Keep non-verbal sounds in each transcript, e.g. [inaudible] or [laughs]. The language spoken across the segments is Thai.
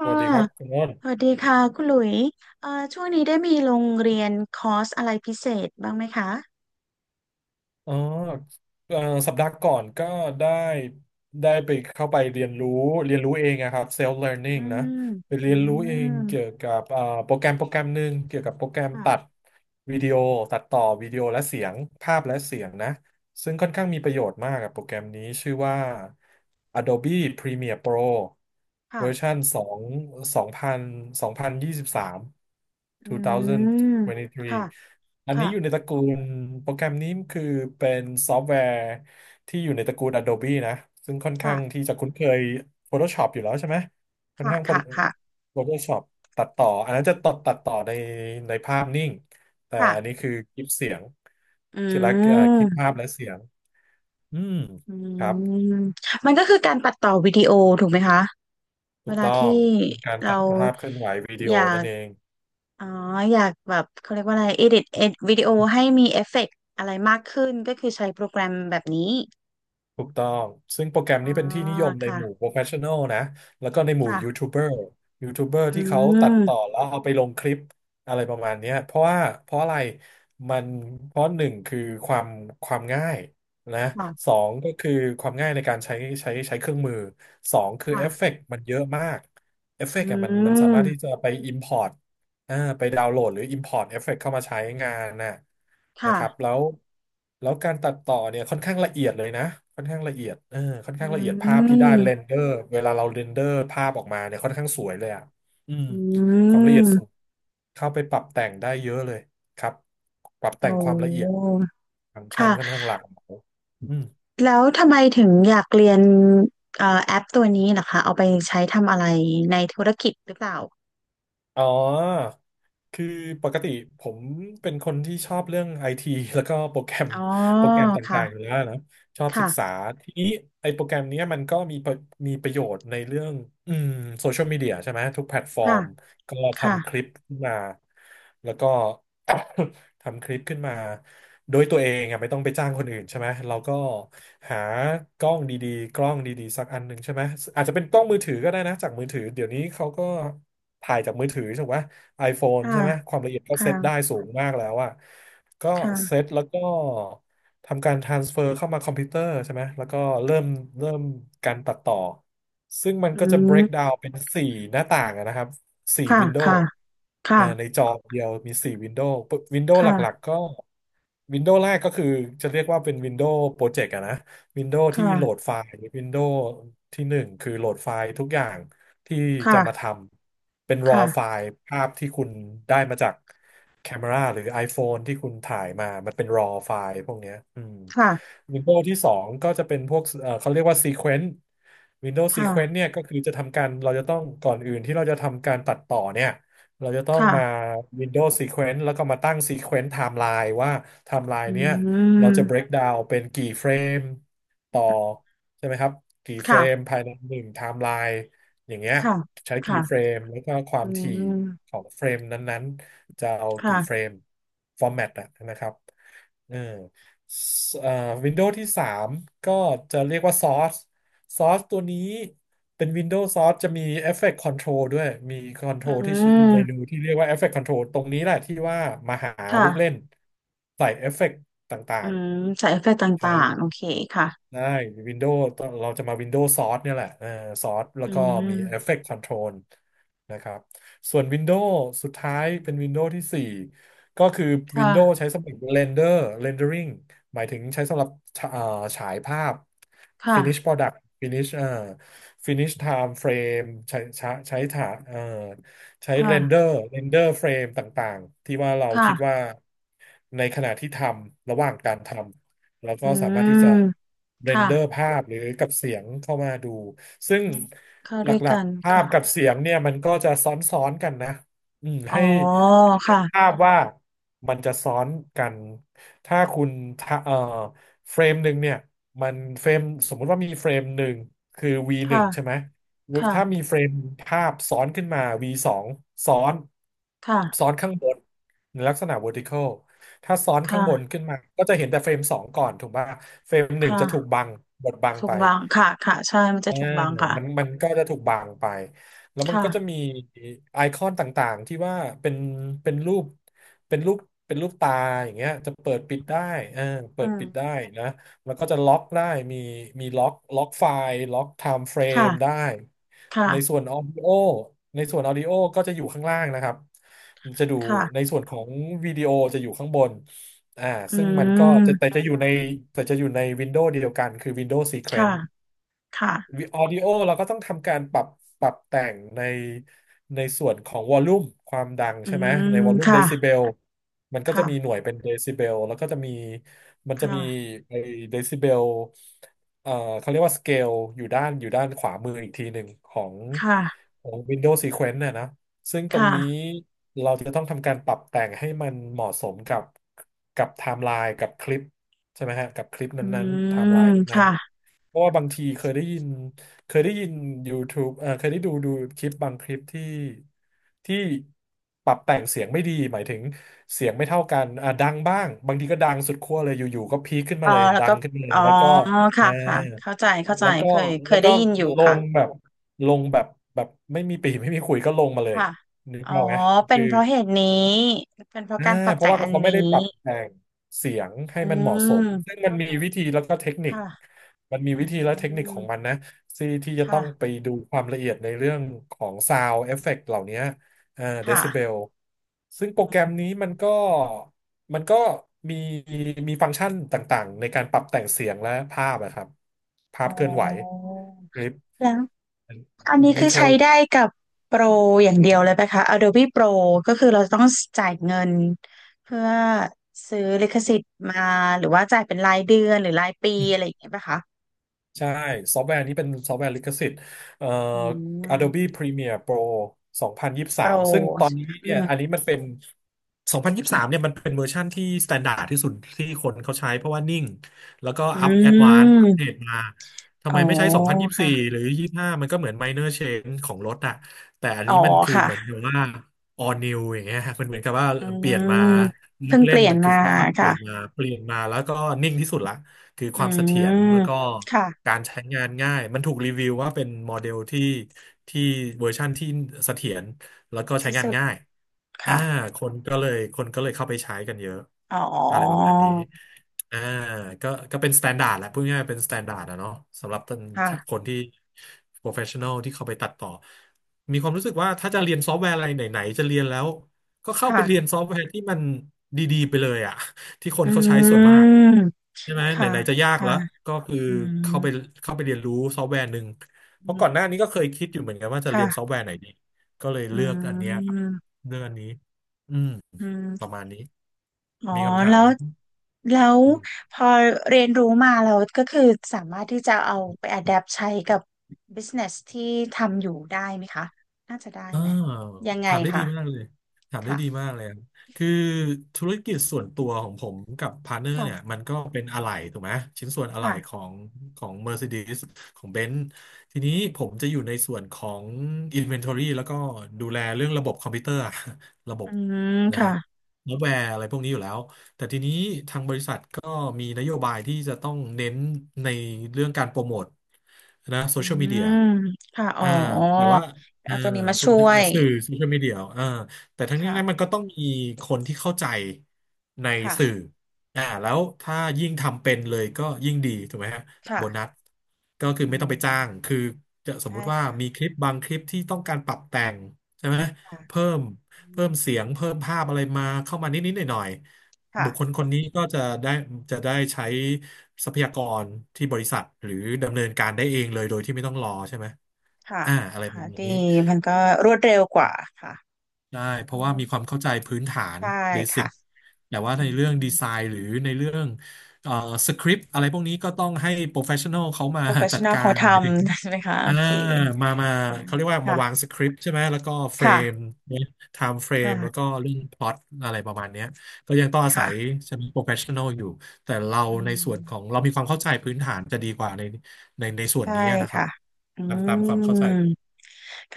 ส่ะ วัสดีครับคุณอ้นสวัสดีค่ะคุณหลุยช่วงนี้ได้มีโรงเรียนคอร์สอะไรพิเศษบ้างไหมคะอ๋อเอ่อสัปดาห์ก่อนก็ได้ได้ไปเข้าไปเรียนรู้เรียนรู้เองอะครับ self อื learning นะมไปอืเรียนรู้เองเกี่ยวมกับโปรแกรมหนึ่งเกี่ยวกับโปรแกรมค่ะตัดวิดีโอตัดต่อวิดีโอและเสียงภาพและเสียงนะ ซึ่งค่อนข้างมีประโยชน์มากกับโปรแกรมนี้ชื่อว่า Adobe Premiere Pro เวอร์ชัค่ะนสองสองพันสองพันยี่สิบสามอื2023มองพันยี่สิบสาค่ะมอันนี้ค่ะอยู่ในตระกูลโปรแกรมนี้คือเป็นซอฟต์แวร์ที่อยู่ในตระกูล Adobe นะซึ่งค่อนค่ะ ข้างที่จะคุ้นเคย Photoshop อยู่แล้วใช่ไหมค่อนค่ะ ข้าง ค่ะ ค่ะ Photoshop ตัดต่ออันนั้นจะตัดต่อในภาพนิ่ง แต่ค่ะ อันนี้คือคลิปเสียงอืคลิปและคลิปภาม พและเสียงอืมอืครับม มันก็คือการตัดต่อวิดีโอถูกไหมคะถูเวกลาต้อที่งเป็นการเราตัดภาพเคลื่อนไหววิดีอโอยานั่ก นเอง อ๋ออยากแบบเขาเรียกว่าอะไร edit วิดีโอให้มีเอฟเฟกต์อะไรมากขึ้นก็คือใช้โปรแกรมแบบนี้ ถูกต้อง ซึ่งโปรแกรมอ่านี้เป็นที่นิยมในหมู่ ค่ะ professional นะแล้วก็ในหมู่ยูค่ะทูบเบอร์ยูทูบเบอร์อืที่เขาตัดต่อมแล้วเอาไปลงคลิปอะไรประมาณเนี้ยเพราะว่าเพราะอะไรมันเพราะหนึ่งคือความความง่ายนะสค่ะองก็คือความง่ายในการใช้เครื่องมือ สองคือเอฟเฟค่ะกต์มันเยอะมากเอฟเฟอืกต์อะมันสามารถที่จะมไป import ไปดาวน์โหลดหรือ Import เอฟเฟกต์เข้ามาใช้งานน่ะนะค่ะครับแล้วการตัดต่อเนี่ยค่อนข้างละเอียดเลยนะค่อนข้างละเอียดเออค่อนอืข้างละเอียดภาพที่ได้เรมนเดอร์เวลาเราเรนเดอร์ภาพออกมาเนี่ยค่อนข้างสวยเลยอ่ะอืมอืความละเอียดสูงมเข้าไปปรับแต่งได้เยอะเลยครับปรับโอแต่งความละเอียด้ฟังก์ชันค่อนค่ะข้างหลากหลายอืม แล้วทำไมถึงอยากเรียนแอปตัวนี้ล่ะคะเอาไปใช้ทำอะไรในธุรกิจหรือเปล่าอ๋อ คือปกติผมเป็นคนที่ชอบเรื่องไอที [laughs] แล้วก็อ๋อโปรแกรมค่ะต่างๆอยู่แล้วนะชอบศึกษาค่ะทีนี้ไอโปรแกรมเนี้ยมันก็มีประโยชน์ในเรื่องอืมโซเชียลมีเดียใช่ไหมทุกแพลตฟอร์ค่ะม ก็ค่ะทำคลิปขึ้นมา แล้วก็ [coughs] ทำคลิปขึ้นมา โดยตัวเองอะไม่ต้องไปจ้างคนอื่นใช่ไหม เราก็หากล้องดีๆกล้องดีๆสักอันหนึ่งใช่ไหม อาจจะเป็นกล้องมือถือก็ได้นะจากมือถือ เดี๋ยวนี้เขาก็ถ่ายจากมือถือใช่ไหม iPhone ค่ะใช่ไหมความละเอียดก็เซตได้ค่ะสูงมากแล้วอะก็เซค่ะตแล้วก็ ทำการ transfer เข้ามาคอมพิวเตอร์ใช่ไหม แล้วก็เริ่มเริ่มการตัดต่อ ซึ่งมันอืก็จะ break ม down เป็นสี่หน้าต่างอะนะครับสี่ ค่ะ window ค่ะค่ะอ่าในจอเดียวมีสี่ window window หลักค่ะๆ ก็ window แรกก็คือจะเรียกว่าเป็น window project อะนะ ค่ะวินโดว์ที่หนึ่งคือโหลดไฟล์ทุกอย่างที่จะมาค่ะทำเป็น raw ไฟค่ะล์ภาพที่คุณได้มาจากแคมราหรือ iPhone ที่คุณถ่ายมามันเป็น raw ไฟล์พวกเนี้ยอืม ค่ะ Windows ที่สองก็จะเป็นพวกเขาเรียกว่า Sequence Windows Sequence ค่ะเนี่ยก็คือจะทำการเราจะต้องก่อนอื่นที่เราจะทำการตัดต่อเนี่ยเราจะต้องค่ะมา Windows Sequence แล้วก็มาตั้ง Sequence Timeline ว่า อื Timeline เนี้ย เราจะ ม break down เป็นกี่เฟรมต่อใช่ไหมครับกี่เฟรค่ะ มภายในหนึ่งไทม์ไลน์อย่างเงี้ยค่ะใช้กี่เฟรค่ะมแล้วก็ควาอืมถี่ขมองเฟรมนั้นๆจะเอากี่เฟรค่ะมฟอร์แมตอะนะครับเออสเอ่อวินโดว์ที่3ก็จะเรียกว่าซอสซอสตัวนี้เป็น Windows Source จะมี Effect Control ด้วยมี อื Control ที่ชื่อมเมนูที่เรียกว่า Effect Control ตรงนี้แหละที่ว่ามาหาค่ะลูกเล่นใส่เอฟเฟกต์ต่าอืง มใส่เอฟเฟกต์ตใช้่างๆ โอเค ค่ะได้วินโดว์เราจะมาวินโดว์ซอสเนี่ยแหละเออซอสแล้อืวก็มี ม Effect Control นะครับส่วนวินโด w s สุดท้ายเป็นวินโด w s ที่4ก็คือวินโด w s ค่ะใช้สำหรับ Render Rendering หมายถึงใช้สำหรับเอ่อฉายภาพ ค่ะ Finish Product Finish Finish Time Frame ใช้ถาเอ่อใช้ ค่ะ Render Render Frame ต่างๆที่ว่าเราค่ะคิดว่าในขณะที่ทำระหว่างการทำ แล้วอืก็สามารถที่จะมเรนค่ะเดอร์ภาพหรือกับเสียงเข้ามาดูซึ่งอืมเข้าหลด้วยักกันๆภาพค่ะกับเสียงเนี่ยมันก็จะซ้อนๆกันนะอืมอ๋อให้นึค่ะกภาพว่ามันจะซ้อนกันถ้าคุณทะเฟรมหนึ่งเนี่ยมันเฟรมสมมุติว่ามีเฟรมหนึ่งคือ V หนึ่ค่ะงใช่ไหมค่ะถ้ามีเฟรมภาพซ้อนขึ้นมา V สองซ้อนค่ะข้างบนในลักษณะ vertical ถ้าซ้อนข้างบนค่ะขึ้นมาก็จะเห็นแต่เฟรมสองก่อนถูกป่ะเฟรมหนึ่งจะถูกค่ะบังบดบังถูไป กบางค่ะค่ะใช่มันจะอ่าถูกบางค่ะมันก็จะถูกบางไปแล้วมันก็จะค่ะมีไอคอนต่างๆที่ว่าเป็นเป็นรูปเป็นรูปเป็นรูปตาอย่างเงี้ยจะเปิดปิดได้เออเปิอืดมปิดได้นะแล้วก็จะล็อกได้มีล็อกไฟล์ล็อกไทม์เฟรค่ะมได้ค่ะในส่วนออดิโอในส่วนออดิโอก็จะอยู่ข้างล่างนะครับมันจะดูค่ะในส่วนของวิดีโอจะอยู่ข้างบนอ่าอืซึ่งมันก็จะมแต่จะอยู่ในวินโดว์เดียวกันคือ Windows ค่ะ Sequence ค่ะออดิโอเราก็ต้องทำการปรับปรับแต่งในส่วนของวอลลุ่มความดังอืใช่ไหมมในวอลลุ่มเดค่ะซิเบลมันก็จะมีหค่ะน่วยเป็นเดซิเบลแล้วก็จะมีมันคจะมี่ะไอเดซิเบลเอ่อเขาเรียกว่าสเกลอยู่ด้านขวามืออีกทีหนึ่งของค่ะ Windows Sequence น่ะนะซึ่งตรงนี้ค่ะเราจะต้องทำการปรับแต่งให้มันเหมาะสมกับกับไทม์ไลน์กับคลิปใช่ไหมฮะกับคลิปอืนั้นๆไทม์ไลมน์นั้น ค่ะเพราะว่าบางทีเคยได้ยินเคยได้ยิน YouTube เคยได้ดูคลิปบางคลิปที่ที่ปรับแต่งเสียงไม่ดีหมายถึงเสียงไม่เท่ากันอ่ะดังบ้างบางทีก็ดังสุดขั้วเลยอยู่ๆก็พีคขึ้นเอมาอเลยแล้วดัก็งขึ้นมาเลอ๋ยอแล้วก็ค่ะ อ่าค่ะเข้าใจแล้วก็เคยเคแล้ยวได้ก็ยินอยู่ลค่ะงแบบลงแบบแบบไม่มีปีไม่มีขุยก็ลงมาเลยค่ะนึกอ๋อเอาไหม เป็นเพราะเหตุนี้เป็นเพราะอ่าการปรับเพแต่ราะงว่าอันเขาไม่นี้ได้ปรับแต่งเสียงอืให้มันเหมาะสมมซึ่งมันมีวิธีแล้วก็เทคนิคค่ะมันมีอืวิธีและเทคนิคขมองมันนะที่จะต้ค่ะองไปดูความละเอียดในเรื่องของซาวเอฟเฟกต์เหล่านี้อ่าเดซิเบค่ะลซึ่งโปรแกรมนี้มันก็มันก็มีฟังก์ชันต่างๆในการปรับแต่งเสียงและภาพนะครับภาอ๋อพเคลื่อนไหวคลิปแล้วอันนี้ดีคือเทใช้ล ได้กับโปรอย่างเดียวเลยไหมคะ Adobe Pro ก็คือเราต้องจ่ายเงินเพื่อซื้อลิขสิทธิ์มาหรือว่าจ่ายเป็นรายเดือนหรือรายปีอะไรอย่างเงี้ยไหมคะ ใช่ซอฟต์แวร์นี้เป็นซอฟต์แวร์ลิขสิทธิ์เอ่อ อื Adobe ม Premiere Pro โปร2023ซึ่งตอนนี้อืเนี่ยอันมนี้มันเป็น2023เนี่ยมันเป็นเวอร์ชั่นที่ s t ต n d า r d ที่สุดที่คนเขาใช้เพราะว่านิ่งแล้วก็อืแอดวานซ์อัปเดมตมาทำอ๋อไมไม่ใช้2024ค่ะหรือ25มันก็เหมือน minor change ของรถอะแต่อันอ๋อนี้มันคือเหมือนค่ะกับว่า all new อย่างเงี้ยมันเหมือนกับว่าอืเปมลี่ยนมาลูเพิ่กงเปเล่นลี่ยนมันคืมาอเขาอัปเดตค่ะมาเปลี่ยนมาแล้วก็นิ่งที่สุดละ คืออืความเสถีมยรแล้วก็ค่ะการใช้งานง่ายมันถูกรีวิวว่าเป็นโมเดลที่ที่เวอร์ชั่นที่เสถียรแล้วก็ใช้ที่งานสุดง่ายอ่าค่ะคนก็เลยเข้าไปใช้กันเยอะอ๋ออะไรประมาณนี้อ่าก็เป็นสแตนดาร์ดแหละพูดง่ายๆเป็นสแตนดาร์ดอะเนาะสำหรับคค่ะนที่ professional ที่เข้าไปตัดต่อมีความรู้สึกว่าถ้าจะเรียนซอฟต์แวร์อะไรไหนๆจะเรียนแล้วก็เข้าไปเรียนค่ะซอฟต์แวร์ที่มันดีๆไปเลยอ่ะ ที่คนอืเขาใช้ส่มวนมากใช่ไหมไหค่ะนๆจะยากค่ะแล้วก็คืออืมเข้าไปเรียนรู้ซอฟต์แวร์หนึ่งเพอืราะก่อมนหน้านี้ก็เคยคิดอยู่เหมือนกันว่าจะเรียนซอฟค่ะต์แวร์ไหนดีก็เลยอืเลือกอันเนี้ยครับมเลือกอันนี้อืมอืประม มาณนี้อ๋อมีคำถาแล้ม วแล้วพอเรียนรู้มาแล้วก็คือสามารถที่จะเอาไป adapt ใช้กับ business ที่ทำอยู่ได้ไหมคะน่าจะได้เออไหมยังไงถามได้ดีคะมากเลยถามได้ดีค่ะมากเลยครับคือธุรกิจส่วนตัวของผมกับพาร์ทเนอร์ค่ะเนี่ยมันก็เป็นอะไหล่ถูกไหมชิ้นส่วนอะไหล่ค่ะของของ Mercedes ของ Benz ทีนี้ผมจะอยู่ในส่วนของ Inventory แล้วก็ดูแลเรื่องระบบคอมพิวเตอร์อะ [laughs] ระบอืบมนะฮะค่ะซอฟต์แวร์อะไรพวกนี้อยู่แล้วแต่ทีนี้ทางบริษัทก็มีนโยบายที่จะต้องเน้นในเรื่องการโปรโมทนะโซอืเชียลมีเดียมค่ะอ๋ออ่าแต่ว่า เอาเอาตัวนี้มาโซช่เชียวลยสื่อโซเชียลมีเดียแต่ทั้งนี้ทั้งนั้นมันค่ะก็ต้องมีคนที่เข้าใจในค่ะสื่อแล้วถ้ายิ่งทำเป็นเลยก็ยิ่งดีถูกไหมฮะค่ะโบนัสก็คืออืไม่ต้องไปจ้างมคือจะสมมุใช่ติว่าค่ะมีคลิปบางคลิปที่ต้องการปรับแต่งใช่ไหมค่ะเพิ่มอืเพิ่มมเสียงเพิ่มภาพอะไรมาเข้ามานิดนิดหน่อยหน่อยๆค่ะบุคคลคนนี้ก็จะได้ใช้ทรัพยากรที่บริษัทหรือดำเนินการได้เองเลยโดยที่ไม่ต้องรอใช่ไหมค่ะอะไรปค่ะระมาณดีนี้ มันก็รวดเร็วกว่าค่ะได้เพเพราะราะว่ามีว่าความเข้าใจพื้นฐานใช่เบสิค่ะกแต่ว่าอืในเรื่องดีม ไซน์หรือในเรื่องเอ่อสคริปต์อะไรพวกนี้ก็ต้องให้โปรเฟชชั่น a ลเขามาจัด professional กาเขารทหมายถึงำ [laughs] ใช่ไหมคะโออ่าเคมาอ่าเขาเรียกว่ามาวางค่ะสคริปต์ใช่ไหมแล้วก็เฟรมค่ะเนี่ยไทม์เฟรมแล้วก็ค่ะเรื่องพล็อตอะไรประมาณเนี้ยก็ยังต้องอาศัยค่ะใช่ไหมโปรเฟชชั่น a ลอยู่แต่เราอืในส่วนขอมงเรามีความเข้าใจพื้นฐานจะดีกว่าในส่วนใช่นี้นะครัค่ะบอืตามความเข้าใจมผมค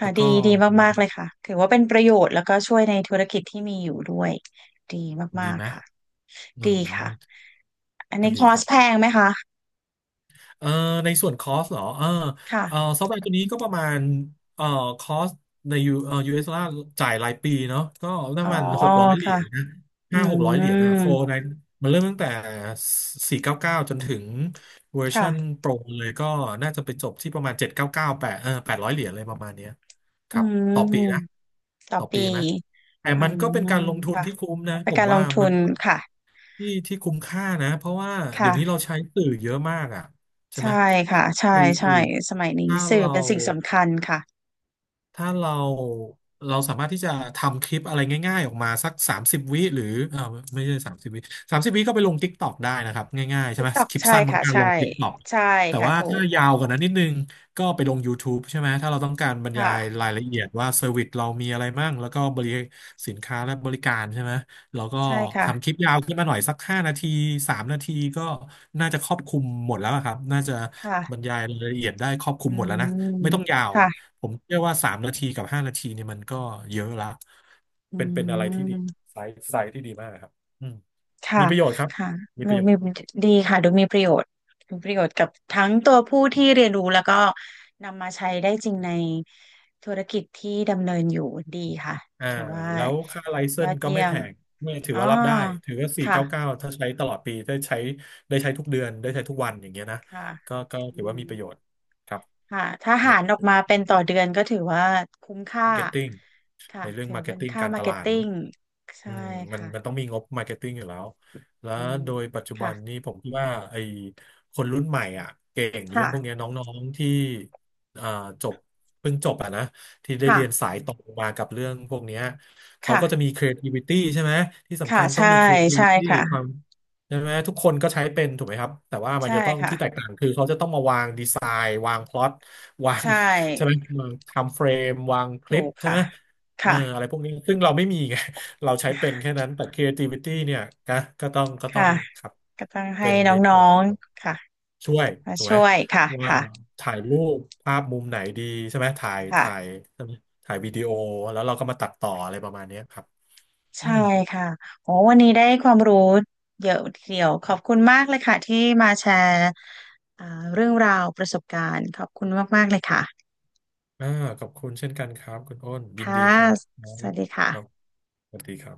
แล้่ะวดีก็ดีมากๆเลยค่ะถือว่าเป็นประโยชน์แล้วก็ช่วยในธุรกิจที่มีอยู่ด้วยดีดีมากไหมๆค่ะอืดีมค่ะอันก็นี้คดีอคร์สรับ แพงไหมคะเอ่อในส่วนคอสเหรอเออค่ะซอฟต์แวร์ตัวนี้ก็ประมาณเอ่อคอสในยูเอสดอลลาร์จ่ายรายปีเนาะก็ปอ๋ระอมาณหกร้อยเหรีค่ะยญนะอื500-600 เหรียญอะโฟร์มในมันเริ่มตั้งแต่สี่เก้าเก้าจนถึงเวอร์ค่ะชันโปรเลยก็น่าจะไปจบที่ประมาณ799แปดเออ800 เหรียญเลยประมาณเนี้ยคอืรับต่อปีนะมต่อต่อปีปีไหมแต่อืมันก็เป็นมการลงทุนค่ะที่คุ้มนะปผระมการลว่างทุมันนก็ค่ะที่คุ้มค่านะเพราะว่าเดี๋ยวนี้ค่ะ เราใช้สื่อเยอะมากอ่ะใช่ไหม ใช่ค่ะใช่คือคืใช่อสมัยนี้ถ้าสื่อเรา เป็นสิ่งสำคัญค่ะ ถ้าเราเราสามารถที่จะทำคลิปอะไรง่ายๆออกมาสักสามสิบวิหรือเออไม่ใช่สามสิบวิสามสิบวิก็ไปลง TikTok ได้นะครับง่ายๆใช่ไหม TikTok คลิปใช่สั้นบางค่ะการใช่ลง TikTok ใช่แต่ค่ะว่าถูถ้ากยาวกว่านั้นนิดนึงก็ไปลง YouTube ใช่ไหมถ้าเราต้องการบรรยายค่ะรายละเอียดว่าเซอร์วิสเรามีอะไรมั่งแล้วก็บริสินค้าและบริการใช่ไหมเราก็ใช่ค่ะทำคลิปยาวขึ้นมาหน่อยสักห้านาทีสามนาทีก็น่าจะครอบคลุมหมดแล้วอะครับน่าจะบรรค่ะยายรายละเอียดได้ครอบคอืลุมหมดแล้วนะมไม่ต้องยาว ค่ะผมเชื่อว่า3 นาทีกับห้านาทีเนี่ยมันก็เยอะละอืเป็นเป็นอะไรที่ดีมไซส์ที่ดีมากครับอืมค่ะมีประโยชน์ครับค่ะมีปดูระโยชมีน์ดีค่ะดูมีประโยชน์มีประโยชน์กับทั้งตัวผู้ที่เรียนรู้แล้วก็นำมาใช้ได้จริงในธุรกิจที่ดำเนินอยู่ดีค่ะอ่าถือว่าแล้วค่าไลเซยอนดส์ก็เยี่ไม่ยแพมงไม่ถืออ๋อว่ารับได้ถือว่าสี่เก้าเก้าค่ะถ้าใช้ตลอดปีได้ใช้ได้ใช้ทุกเดือนได้ใช้ทุกวันอย่างเงี้ยนะค่ะก็ก็อืถือว่ามีม ประโยชน์ครับค่ะถ้าใน หารออกมาเป็นต่อเดือนก็ถือว่าคุ้มค่า marketing ในค่ะเรื่อง ถือเป็น marketing ค่าการตมาร์ลาเก็ตดเนติ้อะ งอืใช่มมันค่ะมันต้องมีงบมาร์เก็ตติ้งอยู่แล้ว แล้วอืมโดยปัจจุบันนี้ค่ะผมคิดว่าไอ้คนรุ่นใหม่อ่ะเก่งเรื่อค่ะงพวกเนี้ยน้องๆที่อ่าจบเพิ่งจบอ่ะนะที่ได้เรียนค่ะ สายตรงมากับเรื่องพวกเนี้ยเขาก็จะค่ะ มี creativity ใช่ไหมที่สำค่ะ คัญต้อใช่งมี ใช่ creativity ควาค่ะ มใช่ไหมทุกคนก็ใช้เป็นถูกไหมครับแต่ว่ามันใช่จะต้องที่แตกค่ะต่างคือเขาจะต้องมาวางดีไซน์วางพล็อตวาใชง [laughs] ใช่ไหม่วางทำเฟรมวางคลิถูปกใช่ค่ะไหมเออค่ะอะไรพวกนี้ซึ่งเราไม่มีไง เราใช้เป็นแค่นั้นแต่ creativity เนี่ยก็ก็ต้องค่ะครับก็ต้องให้เป็นในน้อส่วนงของๆค่ะช่วยมาถูกไหมช่วยค่ะว่าค่ะถ่ายรูปภาพมุมไหนดีใช่ไหมถ่ายค่ะ ถ่ายใช่ไหมถ่ายวิดีโอแล้วเราก็มาตัดต่ออะไรประมาณเนี้ยครับอืใช่มค่ะโอ้วันนี้ได้ความรู้เยอะทีเดียวขอบคุณมากเลยค่ะที่มาแชร์อ่าเรื่องราวประสบการณ์ขอบคุณมากๆเลยค่ะ อ่าขอบคุณเช่นกันครับคุณอ้นยินค่ะ ดีครับครัสวับสดีครับค่ะสวัสดีครับ